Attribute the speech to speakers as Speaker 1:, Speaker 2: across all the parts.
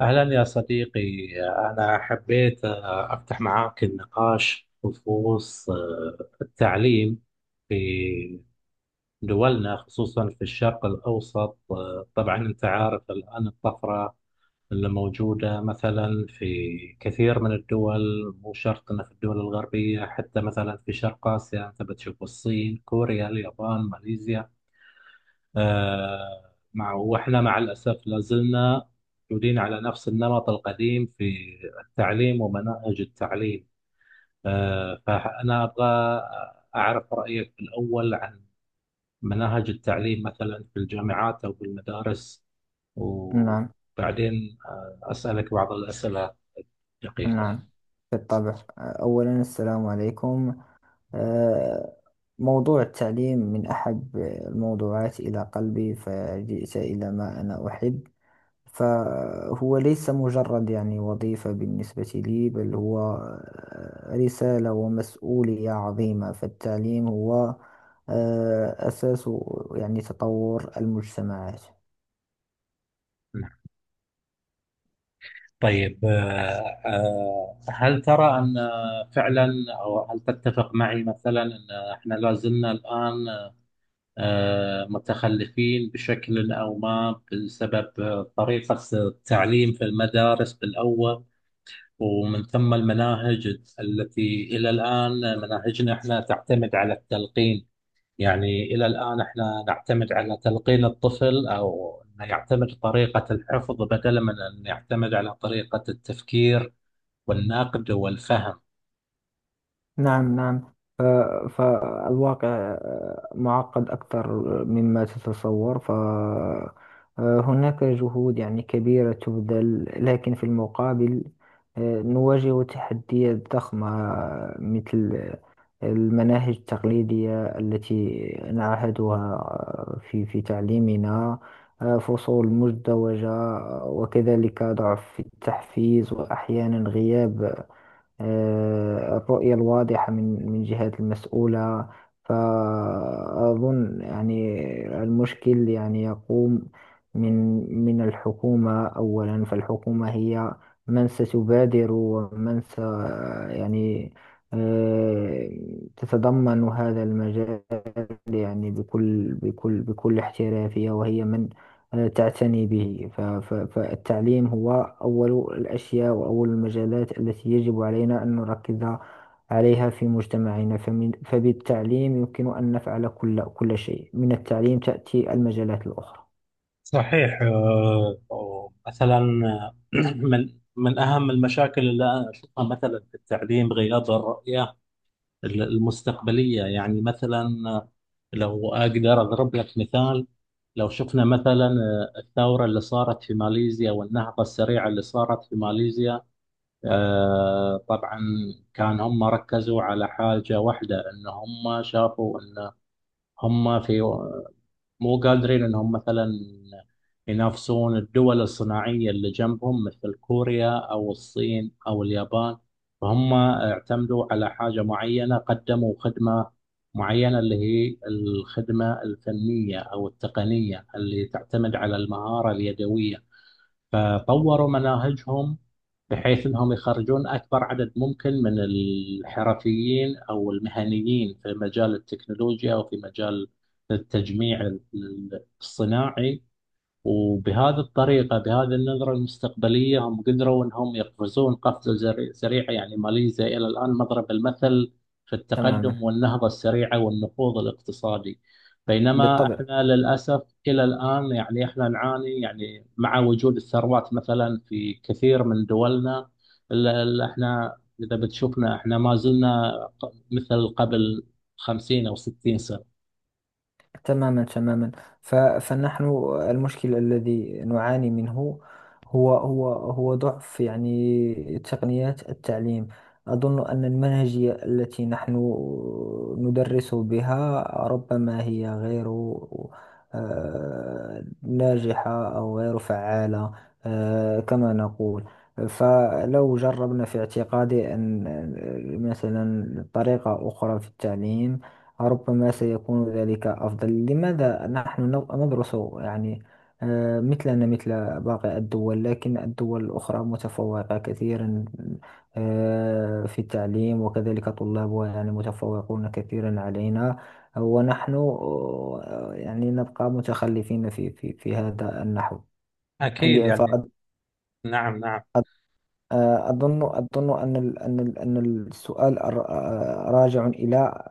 Speaker 1: أهلا يا صديقي. أنا حبيت أفتح معاك النقاش بخصوص التعليم في دولنا، خصوصا في الشرق الأوسط. طبعا أنت عارف الآن الطفرة اللي موجودة مثلا في كثير من الدول، مو شرط أنها في الدول الغربية، حتى مثلا في شرق آسيا أنت بتشوف الصين، كوريا، اليابان، ماليزيا. مع وإحنا مع الأسف لازلنا موجودين على نفس النمط القديم في التعليم ومناهج التعليم. فأنا أبغى أعرف رأيك الأول عن مناهج التعليم مثلا في الجامعات أو في المدارس،
Speaker 2: نعم،
Speaker 1: وبعدين أسألك بعض الأسئلة. دقيقة.
Speaker 2: نعم، بالطبع. أولا السلام عليكم. آه، موضوع التعليم من أحب الموضوعات إلى قلبي، فجئت إلى ما أنا أحب، فهو ليس مجرد وظيفة بالنسبة لي، بل هو رسالة ومسؤولية عظيمة. فالتعليم هو أساس تطور المجتمعات.
Speaker 1: نعم. طيب، هل ترى أن فعلا، أو هل تتفق معي مثلا أن احنا لازلنا الآن متخلفين بشكل أو ما، بسبب طريقة التعليم في المدارس بالأول، ومن ثم المناهج التي إلى الآن مناهجنا، إحنا تعتمد على التلقين؟ يعني إلى الآن إحنا نعتمد على تلقين الطفل، أو إنه يعتمد طريقة الحفظ بدلا من أن يعتمد على طريقة التفكير والنقد والفهم.
Speaker 2: نعم، نعم. ف- فالواقع معقد أكثر مما تتصور، فهناك جهود كبيرة تبذل، لكن في المقابل نواجه تحديات ضخمة، مثل المناهج التقليدية التي نعهدها في تعليمنا، فصول مزدوجة، وكذلك ضعف في التحفيز، وأحيانا غياب الرؤية الواضحة من جهات المسؤولة. فأظن المشكل يقوم من الحكومة أولا، فالحكومة هي من ستبادر، ومن س يعني آه، تتضمن هذا المجال بكل احترافية، وهي من تعتني به. فالتعليم هو أول الأشياء، وأول المجالات التي يجب علينا أن نركز عليها في مجتمعنا، فبالتعليم يمكن أن نفعل كل شيء. من التعليم تأتي المجالات الأخرى.
Speaker 1: صحيح. مثلا من أهم المشاكل اللي أنا أشوفها مثلا في التعليم غياب الرؤية المستقبلية. يعني مثلا، لو أقدر أضرب لك مثال، لو شفنا مثلا الثورة اللي صارت في ماليزيا والنهضة السريعة اللي صارت في ماليزيا. طبعا كان هم ركزوا على حاجة واحدة، إن هم شافوا إن هم في مو قادرين انهم مثلا ينافسون الدول الصناعية اللي جنبهم مثل كوريا او الصين او اليابان. فهم اعتمدوا على حاجة معينة، قدموا خدمة معينة اللي هي الخدمة الفنية او التقنية اللي تعتمد على المهارة اليدوية. فطوروا مناهجهم بحيث انهم يخرجون اكبر عدد ممكن من الحرفيين او المهنيين في مجال التكنولوجيا وفي مجال التجميع الصناعي. وبهذه الطريقة، بهذه النظرة المستقبلية، هم قدروا أنهم يقفزون قفزة سريعة. يعني ماليزيا إلى الآن مضرب المثل في التقدم
Speaker 2: تماما.
Speaker 1: والنهضة السريعة والنهوض الاقتصادي. بينما
Speaker 2: بالطبع.
Speaker 1: إحنا للأسف إلى الآن يعني إحنا نعاني، يعني مع وجود الثروات مثلا في كثير من دولنا، إلا إحنا إذا بتشوفنا إحنا ما زلنا مثل قبل 50 أو 60 سنة.
Speaker 2: تماما، تماما. فنحن المشكل الذي نعاني منه هو ضعف تقنيات التعليم. أظن أن المنهجية التي نحن ندرس بها ربما هي غير ناجحة، أو غير فعالة كما نقول. فلو جربنا في اعتقادي أن مثلا طريقة أخرى في التعليم، ربما سيكون ذلك أفضل. لماذا نحن ندرس مثلنا مثل باقي الدول، لكن الدول الأخرى متفوقة كثيرا في التعليم، وكذلك طلابها متفوقون كثيرا علينا، ونحن نبقى متخلفين في في هذا
Speaker 1: أكيد
Speaker 2: النحو.
Speaker 1: يعني. نعم، نعم.
Speaker 2: أظن، أظن أن السؤال راجع إلى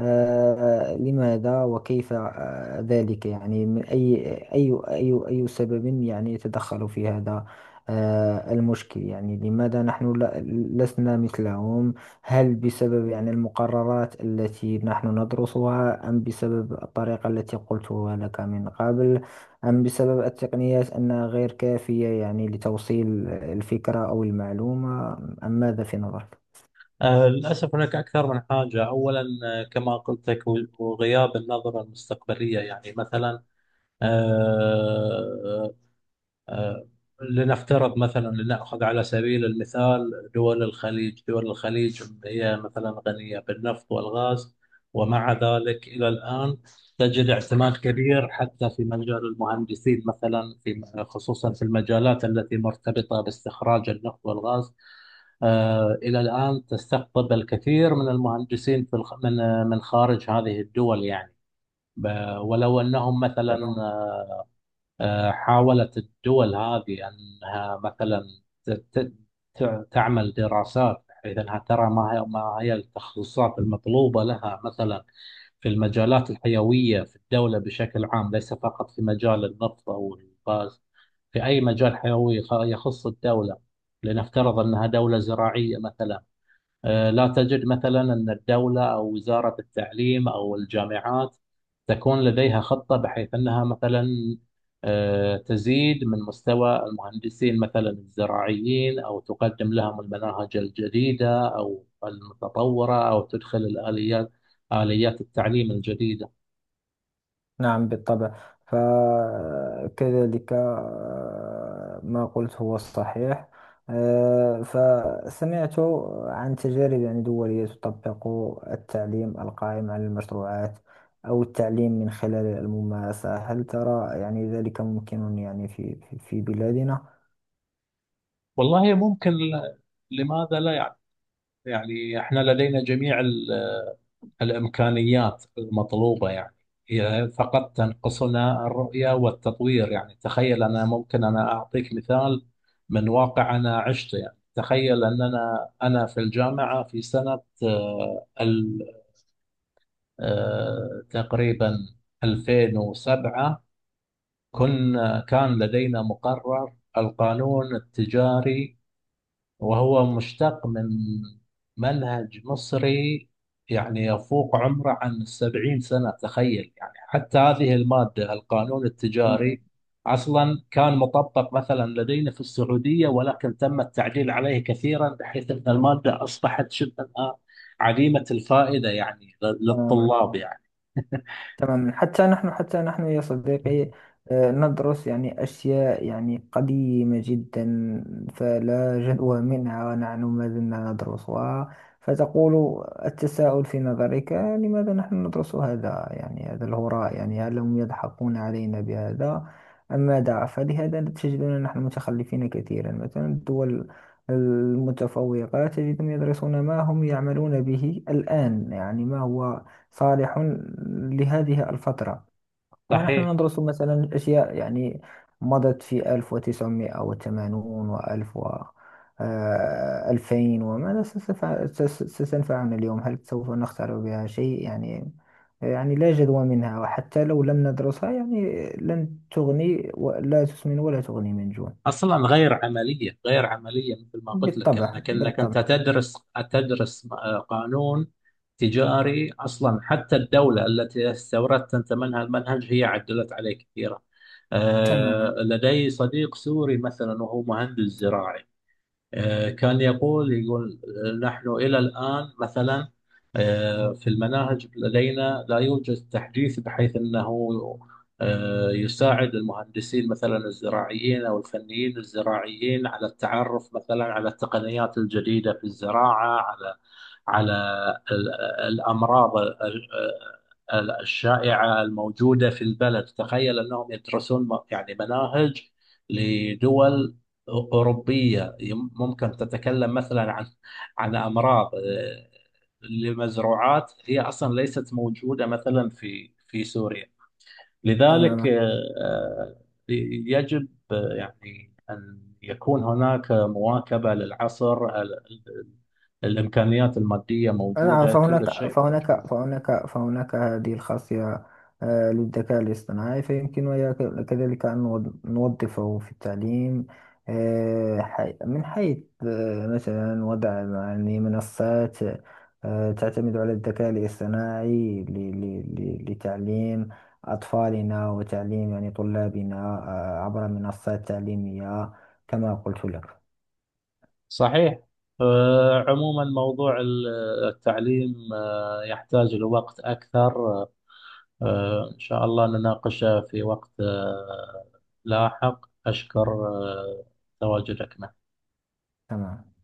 Speaker 2: لماذا وكيف ذلك، من أي سبب يتدخل في هذا المشكل. لماذا نحن لسنا مثلهم؟ هل بسبب المقررات التي نحن ندرسها، أم بسبب الطريقة التي قلتها لك من قبل، أم بسبب التقنيات أنها غير كافية لتوصيل الفكرة أو المعلومة، أم ماذا في نظرك؟
Speaker 1: للأسف هناك أكثر من حاجة. أولا، كما قلت لك، وغياب النظرة المستقبلية. يعني مثلا، آه، آه، لنفترض مثلا، لنأخذ على سبيل المثال دول الخليج. دول الخليج هي مثلا غنية بالنفط والغاز، ومع ذلك إلى الآن تجد اعتماد كبير حتى في مجال المهندسين، مثلا في، خصوصا في المجالات التي مرتبطة باستخراج النفط والغاز. إلى الآن تستقطب الكثير من المهندسين في من من خارج هذه الدول. يعني ولو أنهم مثلا
Speaker 2: تمام.
Speaker 1: حاولت الدول هذه أنها مثلا ت... ت... تعمل دراسات بحيث أنها ترى ما هي التخصصات المطلوبة لها مثلا في المجالات الحيوية في الدولة بشكل عام، ليس فقط في مجال النفط أو الغاز، في أي مجال حيوي يخص الدولة. لنفترض أنها دولة زراعية مثلا، لا تجد مثلا أن الدولة أو وزارة التعليم أو الجامعات تكون لديها خطة بحيث أنها مثلا تزيد من مستوى المهندسين مثلا الزراعيين، أو تقدم لهم المناهج الجديدة أو المتطورة، أو تدخل الآليات، آليات التعليم الجديدة.
Speaker 2: نعم، بالطبع. فكذلك ما قلت هو الصحيح. فسمعت عن تجارب دولية تطبق التعليم القائم على المشروعات، أو التعليم من خلال الممارسة. هل ترى ذلك ممكن في في بلادنا؟
Speaker 1: والله ممكن. لماذا لا؟ يعني، يعني احنا لدينا جميع الإمكانيات المطلوبة. يعني هي فقط تنقصنا الرؤية والتطوير. يعني تخيل، أنا ممكن أنا أعطيك مثال من واقع أنا عشته. يعني تخيل أن أنا في الجامعة في سنة تقريبا 2007 كنا، كان لدينا مقرر القانون التجاري، وهو مشتق من منهج مصري يعني يفوق عمره عن 70 سنة. تخيل يعني! حتى هذه المادة، القانون
Speaker 2: مم.
Speaker 1: التجاري، أصلا كان مطبق مثلا لدينا في السعودية، ولكن تم التعديل عليه كثيرا بحيث أن المادة أصبحت شبه الآن عديمة الفائدة يعني
Speaker 2: تماما،
Speaker 1: للطلاب يعني.
Speaker 2: تماما. حتى نحن، حتى نحن يا صديقي ندرس أشياء قديمة جدا، فلا جدوى منها، ونحن ما زلنا ندرسها. فتقول التساؤل في نظرك، لماذا نحن ندرس هذا هذا الهراء؟ هل هم يضحكون علينا بهذا أم ماذا؟ فلهذا تجدنا نحن متخلفين كثيرا. مثلا الدول المتفوقة تجدهم يدرسون ما هم يعملون به الآن، ما هو صالح لهذه الفترة، ونحن
Speaker 1: صحيح.
Speaker 2: ندرس مثلا أشياء مضت في 1980 وألف و 2000. وماذا ستنفعنا اليوم؟ هل سوف نخترع بها شيء؟ لا جدوى منها، وحتى لو لم ندرسها لن تغني ولا تسمن ولا تغني من جوع.
Speaker 1: اصلا غير عمليه، غير عمليه. مثل ما قلت لك،
Speaker 2: بالطبع،
Speaker 1: انك انت
Speaker 2: بالطبع.
Speaker 1: تدرس، تدرس قانون تجاري، اصلا حتى الدوله التي استوردت انت منها المنهج هي عدلت عليه كثيرا.
Speaker 2: تمام،
Speaker 1: لدي صديق سوري مثلا وهو مهندس زراعي. كان يقول نحن إلى الآن مثلا في المناهج لدينا لا يوجد تحديث بحيث أنه يساعد المهندسين مثلا الزراعيين أو الفنيين الزراعيين على التعرف مثلا على التقنيات الجديدة في الزراعة، على ال- الأمراض الشائعة الموجودة في البلد. تخيل أنهم يدرسون يعني مناهج لدول أوروبية ممكن تتكلم مثلا عن عن أمراض، لمزروعات هي أصلا ليست موجودة مثلا في سوريا. لذلك
Speaker 2: تمام.
Speaker 1: آه، يجب يعني أن يكون هناك مواكبة للعصر. ال- الإمكانيات المادية
Speaker 2: نعم،
Speaker 1: موجودة، كل
Speaker 2: فهناك
Speaker 1: شيء
Speaker 2: فهناك
Speaker 1: موجود.
Speaker 2: فهناك فهناك هذه الخاصية للذكاء الاصطناعي، فيمكننا كذلك أن نوظفه في التعليم من حيث مثلا وضع منصات تعتمد على الذكاء الاصطناعي لتعليم أطفالنا، وتعليم طلابنا عبر منصات تعليمية كما قلت لك.
Speaker 1: صحيح. عموما موضوع التعليم يحتاج لوقت أكثر. إن شاء الله نناقشه في وقت لاحق. أشكر تواجدك معي.
Speaker 2: تمام.